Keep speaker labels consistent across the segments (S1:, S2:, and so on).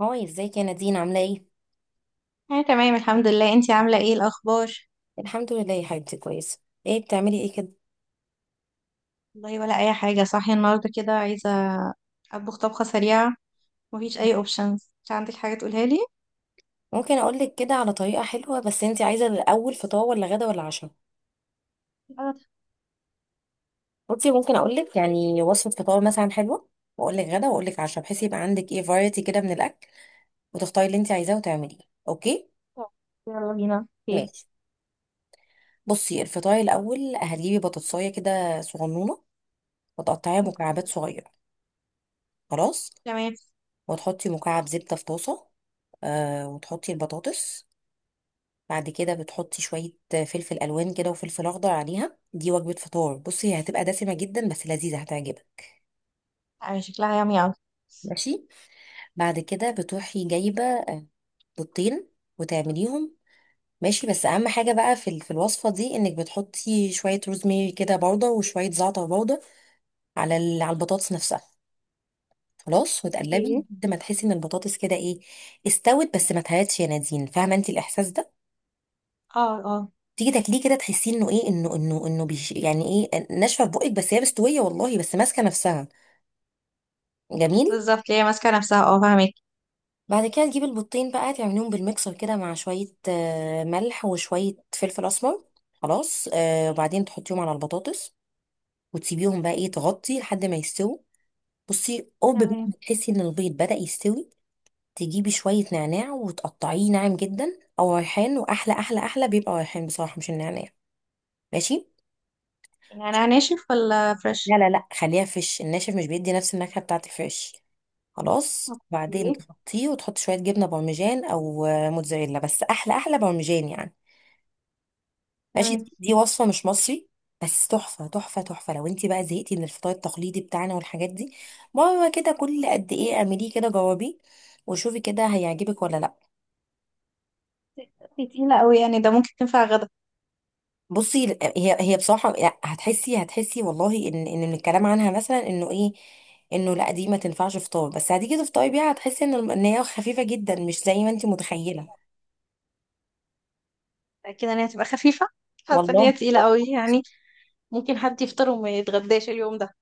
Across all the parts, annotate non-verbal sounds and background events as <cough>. S1: هاي، ازيك يا نادين؟ عاملة ايه؟
S2: انا تمام الحمد لله. انتي عامله ايه الاخبار؟
S1: الحمد لله يا حبيبتي، كويسة. ايه بتعملي ايه كده؟
S2: والله ولا اي حاجه، صاحيه النهارده كده عايزه اطبخ طبخه سريعه. مفيش اي اوبشنز؟ مش عندك حاجه تقولها لي؟
S1: ممكن اقولك كده على طريقة حلوة، بس انتي عايزة الاول فطار ولا غدا ولا عشاء؟
S2: انا تحت.
S1: بصي ممكن اقولك يعني وصفة فطار مثلا حلوة، واقولك غدا واقولك عشاء بحيث يبقى عندك ايه فرايتي كده من الاكل، وتختاري اللي انتي عايزاه وتعمليه. اوكي؟
S2: يلا بينا، اوكي.
S1: ماشي. بصي الفطار الاول هتجيبي بطاطساية كده صغنونة وتقطعيها مكعبات
S2: أوكي.
S1: صغيرة. خلاص.
S2: تمام.
S1: وتحطي مكعب زبدة في طاسة، آه وتحطي البطاطس. بعد كده بتحطي شوية فلفل ألوان كده وفلفل أخضر عليها، دي وجبة فطار بصي، هي هتبقى دسمة جدا بس لذيذة هتعجبك.
S2: آه، شكلها يامي اوي.
S1: ماشي. بعد كده بتروحي جايبة بيضتين وتعمليهم. ماشي بس أهم حاجة بقى في الوصفة دي إنك بتحطي شوية روزميري كده باودر وشوية زعتر باودر على البطاطس نفسها. خلاص. وتقلبي
S2: اوكي.
S1: لحد ما تحسي إن البطاطس كده إيه، استوت بس ما اتهرتش. يا نادين، فاهمة أنت الإحساس ده؟
S2: اه، اه.
S1: تيجي تاكليه كده تحسي انه ايه، انه بيش يعني، ايه، ناشفه في بقك بس هي مستويه والله، بس ماسكه نفسها. جميل.
S2: بالظبط، هي ماسكه نفسها. اه، فاهمك.
S1: بعد كده تجيب البيضتين بقى، تعمليهم بالميكسر كده مع شويه ملح وشويه فلفل اسمر. خلاص. وبعدين تحطيهم على البطاطس وتسيبيهم بقى ايه، تغطي لحد ما يستووا. بصي قرب بقى ما
S2: تمام.
S1: تحسي ان البيض بدأ يستوي، تجيبي شويه نعناع وتقطعيه ناعم جدا او ريحان، واحلى احلى احلى بيبقى ريحان بصراحه، مش النعناع. ماشي.
S2: يعني ناشف ولا
S1: لا
S2: فريش؟
S1: لا لا، خليها فيش. الناشف مش بيدي نفس النكهة بتاعت الفيش. خلاص. بعدين
S2: اوكي.
S1: تحطيه وتحط شوية جبنة بارميجان أو موتزاريلا، بس أحلى أحلى بارميجان يعني. ماشي.
S2: تمام.
S1: دي وصفة مش مصري، بس تحفة تحفة تحفة. لو انت بقى زهقتي من الفطار التقليدي بتاعنا والحاجات دي، مرة كده كل قد ايه اعمليه كده، جربيه وشوفي كده هيعجبك ولا لا.
S2: دي تقيله قوي يعني، ده ممكن تنفع غدا؟
S1: بصي هي بصراحه، لا، هتحسي والله ان من الكلام عنها مثلا انه ايه، انه لا دي ما تنفعش فطار. بس هتيجي تفطري بيها هتحسي ان ان هي خفيفه جدا، مش زي ما انت متخيله.
S2: اكيد ان هي تبقى خفيفه، حاسه ان هي
S1: والله.
S2: تقيله قوي يعني. ممكن حد يفطر وما يتغداش اليوم ده.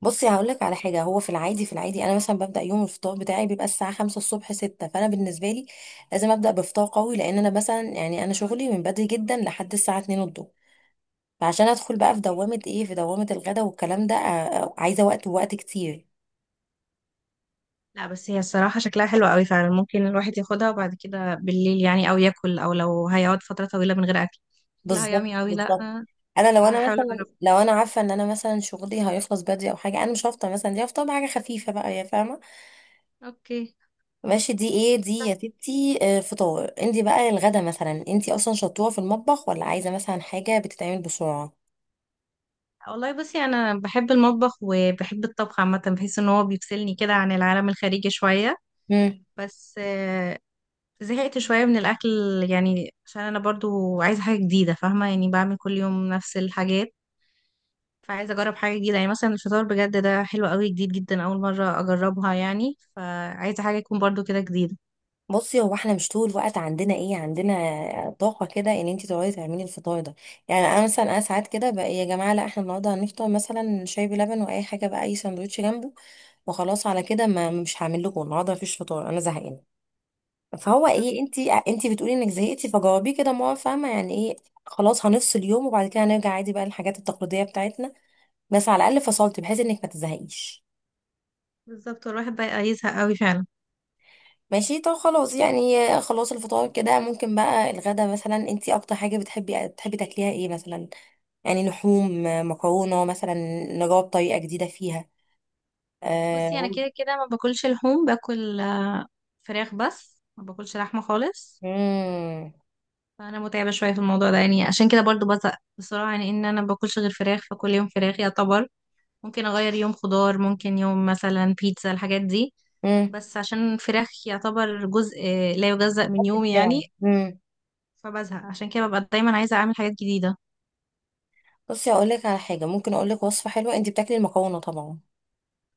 S1: بصي هقول لك على حاجه، هو في العادي انا مثلا ببدا يوم الفطار بتاعي بيبقى الساعه 5 الصبح 6، فانا بالنسبه لي لازم ابدا بفطار قوي، لان انا مثلا يعني انا شغلي من بدري جدا لحد الساعه 2 الظهر. فعشان ادخل بقى في دوامه ايه، في دوامه الغدا والكلام ده، عايزه وقت ووقت كتير.
S2: لا، بس هي الصراحة شكلها حلو قوي فعلا، ممكن الواحد ياخدها وبعد كده بالليل يعني، او ياكل، او لو هيقعد فترة طويلة من غير اكل. شكلها
S1: بالظبط
S2: يامي قوي. لا
S1: بالظبط.
S2: أنا.
S1: انا لو انا
S2: هحاول
S1: مثلا،
S2: اجربها.
S1: لو انا عارفه ان انا مثلا شغلي هيخلص بدري او حاجه، انا مش هفطر مثلا دي، هفطر بحاجه خفيفه بقى، يا فاهمه.
S2: اوكي.
S1: ماشي. دي ايه دي يا ستي، فطار. انت بقى الغدا مثلا، انت اصلا شطوره في المطبخ ولا عايزه مثلا حاجه بتتعمل بسرعه؟
S2: والله بصي، انا بحب المطبخ وبحب الطبخ عامة، بحس ان هو بيفصلني كده عن العالم الخارجي شوية.
S1: امم.
S2: بس زهقت شوية من الاكل. يعني عشان انا برضو عايزة حاجة جديدة، فاهمة؟ يعني بعمل كل يوم نفس الحاجات. فعايزة أجرب حاجة جديدة، يعني مثلا الفطار بجد ده حلو قوي، جديد جدا أول مرة أجربها يعني، فعايزة حاجة تكون برضو كده جديدة.
S1: بصي هو احنا مش طول الوقت عندنا ايه، عندنا طاقه كده ان انت تقعدي تعملي الفطار ده. يعني انا مثلا انا ساعات كده بقى إيه، يا جماعه لا احنا النهارده هنفطر مثلا شاي بلبن، واي حاجه بقى اي ساندوتش جنبه، وخلاص على كده. ما مش هعمل لكم النهارده، مفيش فطار، انا زهقانه. فهو ايه، انت بتقولي انك زهقتي، فجاوبيه كده ما هو فاهمه يعني ايه. خلاص هنفصل يوم، وبعد كده هنرجع عادي بقى الحاجات التقليديه بتاعتنا. بس على الاقل فصلت بحيث انك ما تزهقيش.
S2: بالظبط، والواحد بقى يزهق قوي فعلا.
S1: ماشي. طب خلاص يعني، خلاص الفطار كده. ممكن بقى الغدا مثلا، انت اكتر حاجه بتحبي، بتحبي تاكليها ايه مثلا؟ يعني لحوم، مكرونه مثلا، نجرب طريقه جديده فيها؟
S2: بصي أنا
S1: آه،
S2: كده كده ما باكلش لحوم، باكل فراخ، بس ما باكلش لحمة خالص.
S1: مم.
S2: فأنا متعبة شوية في الموضوع ده يعني، عشان كده برضو بزهق بسرعة، يعني إن أنا ما باكلش غير فراخ، فكل يوم فراخ يعتبر. ممكن أغير يوم خضار، ممكن يوم مثلا بيتزا، الحاجات دي.
S1: مم.
S2: بس عشان الفراخ يعتبر جزء لا يجزأ من يومي يعني.
S1: بتاعي.
S2: فبزهق عشان كده، ببقى دايما عايزة أعمل حاجات جديدة.
S1: بصي اقول لك على حاجه، ممكن اقول لك وصفه حلوه. انت بتاكلي المكرونه طبعا،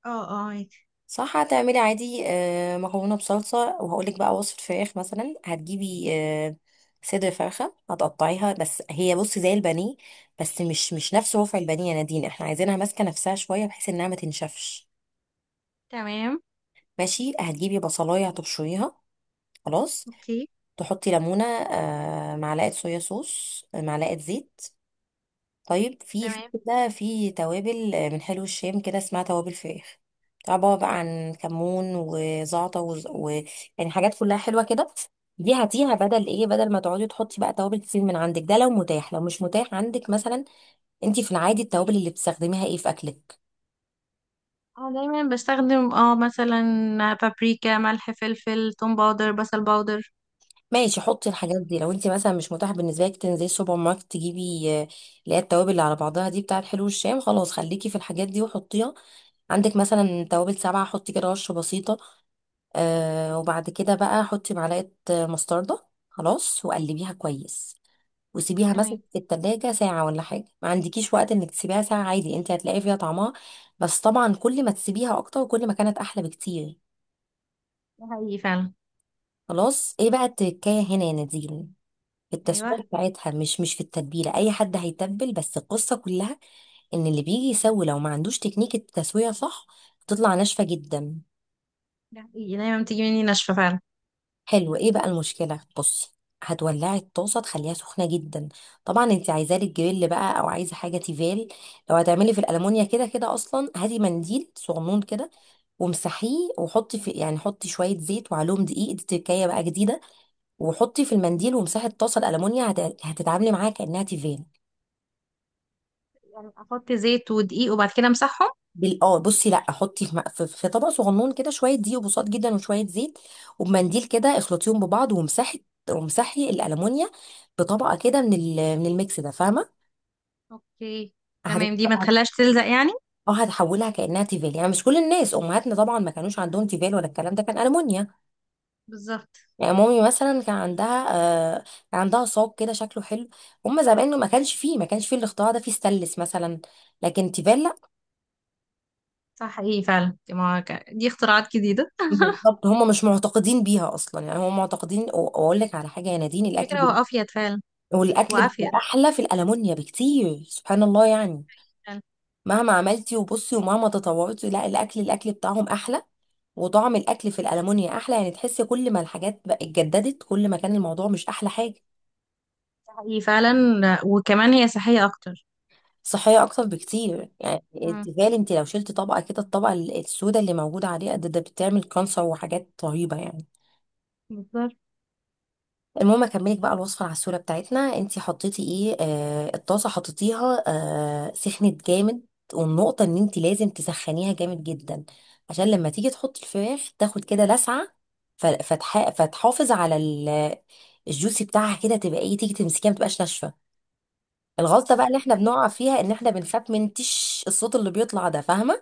S2: اه، اه، عادي.
S1: صح؟ هتعملي عادي مكرونه بصلصه، وهقول لك بقى وصفه فراخ مثلا. هتجيبي صدر فرخه، هتقطعيها بس هي بصي زي البانيه، بس مش نفس رفع البانيه يا نادين، احنا عايزينها ماسكه نفسها شويه بحيث انها ما تنشفش.
S2: تمام.
S1: ماشي. هتجيبي بصلايه هتبشريها. خلاص.
S2: اوكي.
S1: تحطي ليمونه، معلقه صويا صوص، معلقه زيت. طيب في
S2: تمام.
S1: كده في توابل من حلو الشام كده، اسمها توابل فراخ. عبارة بقى عن كمون وزعتر يعني حاجات كلها حلوة كده. دي هاتيها بدل ايه، بدل ما تقعدي تحطي بقى توابل كتير من عندك. ده لو متاح، لو مش متاح عندك مثلا، انت في العادي التوابل اللي بتستخدميها ايه في اكلك؟
S2: اه، دايما بستخدم مثلا، بابريكا، ملح، فلفل، توم باودر، بصل باودر.
S1: ماشي حطي الحاجات دي. لو انت مثلا مش متاح بالنسبه لك تنزلي السوبر ماركت تجيبي اللي هي التوابل اللي على بعضها دي بتاعت حلو الشام، خلاص خليكي في الحاجات دي وحطيها. عندك مثلا توابل سبعة حطي كده رشة بسيطة. وبعد كده بقى حطي معلقة مستردة، خلاص وقلبيها كويس، وسيبيها مثلا
S2: تمام.
S1: في التلاجة ساعة. ولا حاجة، ما عندكيش وقت انك تسيبيها ساعة عادي، انت هتلاقي فيها طعمها. بس طبعا كل ما تسيبيها اكتر كل ما كانت احلى بكتير.
S2: ده حقيقي فعلا.
S1: خلاص. ايه بقى التكاية هنا يا نادين؟ في
S2: ايوه.
S1: التسوية بتاعتها، مش في التتبيلة. اي حد هيتبل، بس القصة كلها ان اللي بيجي يسوي، لو ما عندوش تكنيك التسوية صح، بتطلع ناشفة جدا.
S2: ده حقيقي، دايما بتيجي مني ناشفة فعلا.
S1: حلو. ايه بقى المشكله؟ بصي هتولعي الطاسه تخليها سخنه جدا. طبعا انت عايزاه للجريل بقى، او عايزه حاجه تيفال. لو هتعملي في الالمونيا كده كده، اصلا هاتي منديل صغنون كده وامسحيه، وحطي في، يعني حطي شويه زيت وعليهم دقيق، دي تركايه بقى جديده، وحطي في المنديل وامسحي الطاسه الالمونيا، هتتعاملي معاها كانها تيفال.
S2: يعني احط زيت ودقيق وبعد كده امسحهم؟
S1: بال... اه بصي لا، حطي في, م- في في طبق صغنون كده، شويه دقيق وبساط جدا وشويه زيت، وبمنديل كده اخلطيهم ببعض ومسحي، ومسحي الالومنيا بطبقه كده من من الميكس ده، فاهمه؟
S2: اوكي.
S1: هت-
S2: تمام، دي ما
S1: هت-
S2: تخليهاش تلزق يعني؟
S1: اه هتحولها كانها تيفال. يعني مش كل الناس، امهاتنا طبعا ما كانوش عندهم تيفال ولا الكلام ده، كان الومنيا.
S2: بالظبط.
S1: يعني مامي مثلا كان عندها، آه صاج كده شكله حلو. هم زمان ما كانش فيه، ما كانش فيه الاختراع ده، فيه ستانلس مثلا لكن تيفال.
S2: صح حقيقي فعلا. دي, ما... ك- دي اختراعات جديدة.
S1: بالظبط. هم مش معتقدين بيها اصلا يعني، هم معتقدين واقول لك على حاجه يا
S2: <laughs>
S1: نادين، الاكل
S2: فكرة وافيد فعلا.
S1: والاكل بيبقى
S2: وافيد
S1: احلى في الالمونيا بكتير، سبحان الله يعني.
S2: فعلا.
S1: مهما عملتي وبصي ومهما تطورتي، لا، الاكل الاكل بتاعهم احلى، وطعم الاكل في الالمونيا احلى. يعني تحسي كل ما الحاجات بقى اتجددت، كل ما كان الموضوع مش احلى حاجه.
S2: ده حقيقي فعلا. وكمان هي صحية اكتر.
S1: صحيه اكتر بكتير. يعني
S2: مم.
S1: تخيل انت لو شلت طبقه كده، الطبقه السوداء اللي موجوده عليها ده، ده بتعمل كانسر وحاجات رهيبه يعني.
S2: بالظبط.
S1: المهم اكملك بقى الوصفه العسوله بتاعتنا. انتي حطيتي ايه، الطاسه حطيتيها، سخنت جامد. والنقطه ان انتي لازم تسخنيها جامد جدا، عشان لما تيجي تحطي الفراخ تاخد كده لسعه، فتحافظ على الجوسي بتاعها، كده تبقى ايه، تيجي تمسكيها ما تبقاش ناشفه. الغلطه بقى اللي احنا
S2: اوكي.
S1: بنقع فيها ان احنا بنخاف من تش، الصوت اللي بيطلع ده، فاهمه؟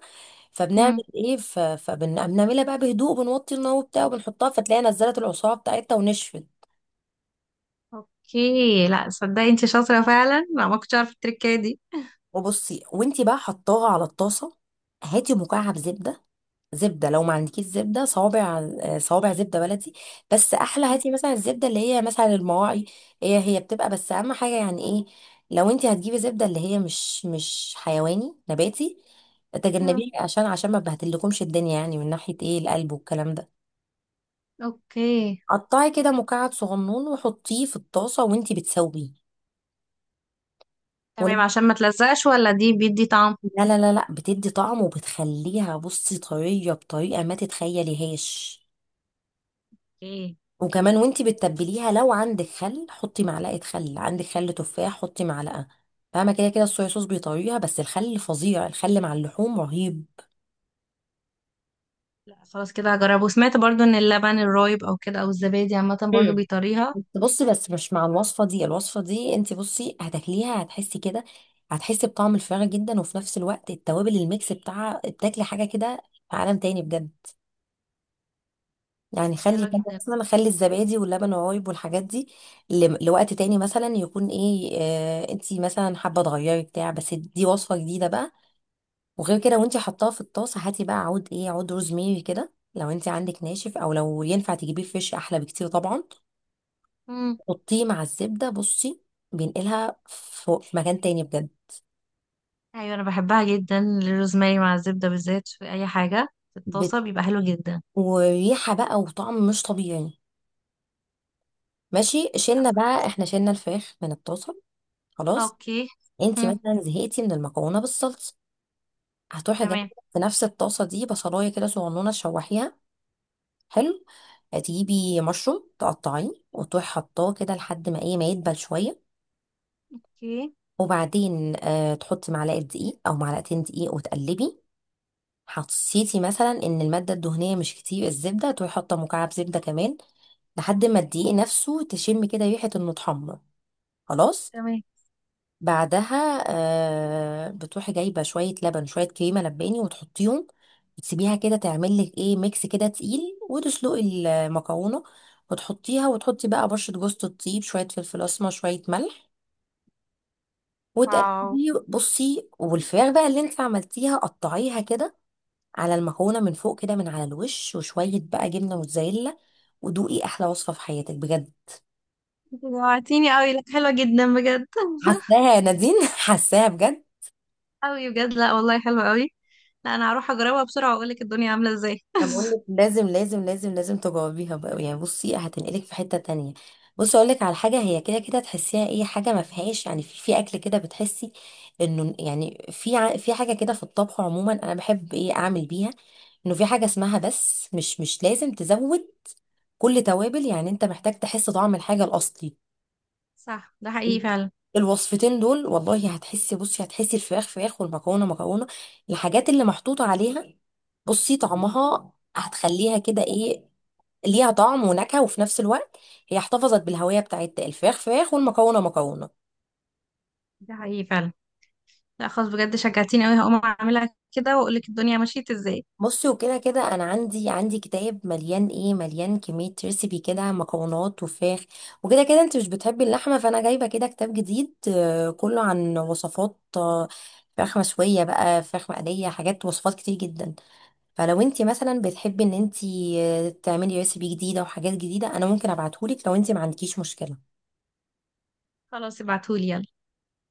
S1: فبنعمل
S2: مم.
S1: ايه، فبنعملها بقى بهدوء، بنوطي النار وبتاع وبنحطها، فتلاقيها نزلت العصاره بتاعتها ونشفت.
S2: اوكي. لا، صدقي انت شاطرة فعلا. لا، ما كنتش عارفة التركية دي.
S1: وبصي، وانتي بقى حطاها على الطاسه، هاتي مكعب زبده. زبده، لو ما عندكيش زبده صوابع، صوابع زبده بلدي، بس احلى
S2: مم.
S1: هاتي مثلا الزبده اللي هي مثلا المواعي. هي بتبقى، بس اهم حاجه يعني ايه، لو انتي هتجيبي زبده اللي هي مش حيواني نباتي،
S2: مم.
S1: تجنبيه عشان عشان ما بهدلكمش الدنيا يعني، من ناحيه ايه، القلب والكلام ده.
S2: اوكي.
S1: قطعي كده مكعب صغنون وحطيه في الطاسه وانتي بتسويه.
S2: تمام، عشان ما تلزقش ولا دي بيدي طعم؟
S1: لا لا لا لا، بتدي طعم، وبتخليها بصي طرية بطريقة ما تتخيليهاش.
S2: اوكي.
S1: وكمان وانتي بتتبليها، لو عندك خل حطي معلقة خل، عندك خل تفاح حطي معلقة. فاهمة، كده كده الصويا صوص بيطريها، بس الخل فظيع، الخل مع اللحوم رهيب.
S2: لا خلاص، كده هجربه. وسمعت برضو ان اللبن الرايب او كده، او الزبادي عامة برضو
S1: امم.
S2: بيطريها.
S1: بس بصي بس مش مع الوصفة دي. الوصفة دي انتي بصي هتاكليها هتحسي كده، هتحسي بطعم الفراخ جدا، وفي نفس الوقت التوابل الميكس بتاعها، بتاكلي حاجة كده في عالم تاني بجد. يعني خلي
S2: حلوة
S1: خلي
S2: جدا.
S1: مثلا، خلي الزبادي واللبن والرايب والحاجات دي لوقت تاني مثلا، يكون ايه، انتي مثلا حابه تغيري بتاع، بس دي وصفه جديده بقى. وغير كده، وانتي حطاها في الطاسه، هاتي بقى عود ايه، عود روزميري كده. لو انتي عندك ناشف او لو ينفع تجيبيه فريش احلى بكتير طبعا.
S2: مم.
S1: حطيه مع الزبده بصي، بينقلها فوق في مكان تاني بجد.
S2: ايوه، انا بحبها جدا الروزماري مع الزبدة، بالذات في اي حاجة. في
S1: بت...
S2: الطاسة بيبقى حلو جدا.
S1: وريحه بقى وطعم مش طبيعي. ماشي.
S2: لا.
S1: شلنا بقى احنا، شلنا الفراخ من الطاسه. خلاص.
S2: اوكي.
S1: انتي
S2: مم.
S1: مثلا زهقتي من المكرونه بالصلصه، هتروحي جايبه
S2: تمام.
S1: في نفس الطاسه دي بصلايه كده صغنونه تشوحيها. حلو. هتجيبي مشروم تقطعيه، وتروحي حطاه كده لحد ما ايه، ما يدبل شويه.
S2: اوكي.
S1: وبعدين تحطي معلقه دقيق او معلقتين دقيق وتقلبي. حسيتي مثلا ان الماده الدهنيه مش كتير، الزبده، تروحي حاطه مكعب زبده كمان لحد ما الدقيق نفسه تشم كده ريحه انه اتحمر. خلاص.
S2: تمام.
S1: بعدها بتروحي جايبه شويه لبن شويه كريمه لباني وتحطيهم، وتسيبيها كده تعمل لك ايه، ميكس كده تقيل. وتسلقي المكرونه وتحطيها، وتحطي بقى بشره جوز الطيب، شويه فلفل اسمر، شويه ملح،
S2: واو.
S1: وتقلبي بصي. والفراخ بقى اللي انت عملتيها قطعيها كده على المكرونه من فوق، كده من على الوش، وشويه بقى جبنه موتزاريلا، ودوقي احلى وصفه في حياتك بجد.
S2: انت جوعتيني قوي. لا، حلوة جدا بجد. <laughs>
S1: حاساها يا نادين <laughs> حاساها بجد.
S2: قوي بجد. لا والله، حلوة قوي. لا، انا هروح اجربها بسرعة واقول لك الدنيا عاملة ازاي.
S1: ما
S2: <laughs>
S1: بقولك لازم لازم لازم لازم تجاوبيها بقى. يعني بصي، هتنقلك في حتة تانية. بصي اقولك على حاجة، هي كده كده تحسيها ايه، حاجة ما فيهاش يعني في اكل كده بتحسي انه يعني في في حاجة كده في الطبخ عموما، انا بحب ايه، اعمل بيها، انه في حاجة اسمها بس مش لازم تزود كل توابل. يعني انت محتاج تحس طعم الحاجة الاصلي.
S2: صح، ده حقيقي فعلا.
S1: الوصفتين دول والله هتحسي بصي هتحسي الفراخ فراخ والمكرونه مكرونه. الحاجات اللي محطوطه عليها بصي طعمها، هتخليها كده ايه، ليها طعم ونكهه، وفي نفس الوقت هي احتفظت بالهويه بتاعت الفراخ فراخ والمكرونه مكرونه.
S2: ده حقيقي فعلا. لا خلاص، بجد شجعتيني قوي. هقوم اعملها كده واقول لك الدنيا مشيت ازاي.
S1: بصي، وكده كده انا عندي كتاب مليان ايه، مليان كميه ريسيبي كده، مكرونات وفراخ، وكده كده انت مش بتحبي اللحمه، فانا جايبه كده كتاب جديد كله عن وصفات فراخ مشويه بقى، فراخ مقليه، حاجات وصفات كتير جدا. فلو انت مثلا بتحبي ان انت تعملي ريسيبي جديده وحاجات جديده، انا ممكن ابعتهولك لو انت ما عندكيش مشكله.
S2: خلاص، ابعتهولي يلا.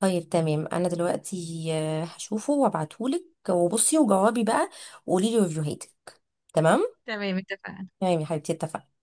S1: طيب تمام. انا دلوقتي هشوفه وابعتهولك، وبصي وجاوبي بقى، وقولي لي ريفيوهاتك. تمام.
S2: تمام، اتفقنا.
S1: تمام يا حبيبتي، اتفقنا.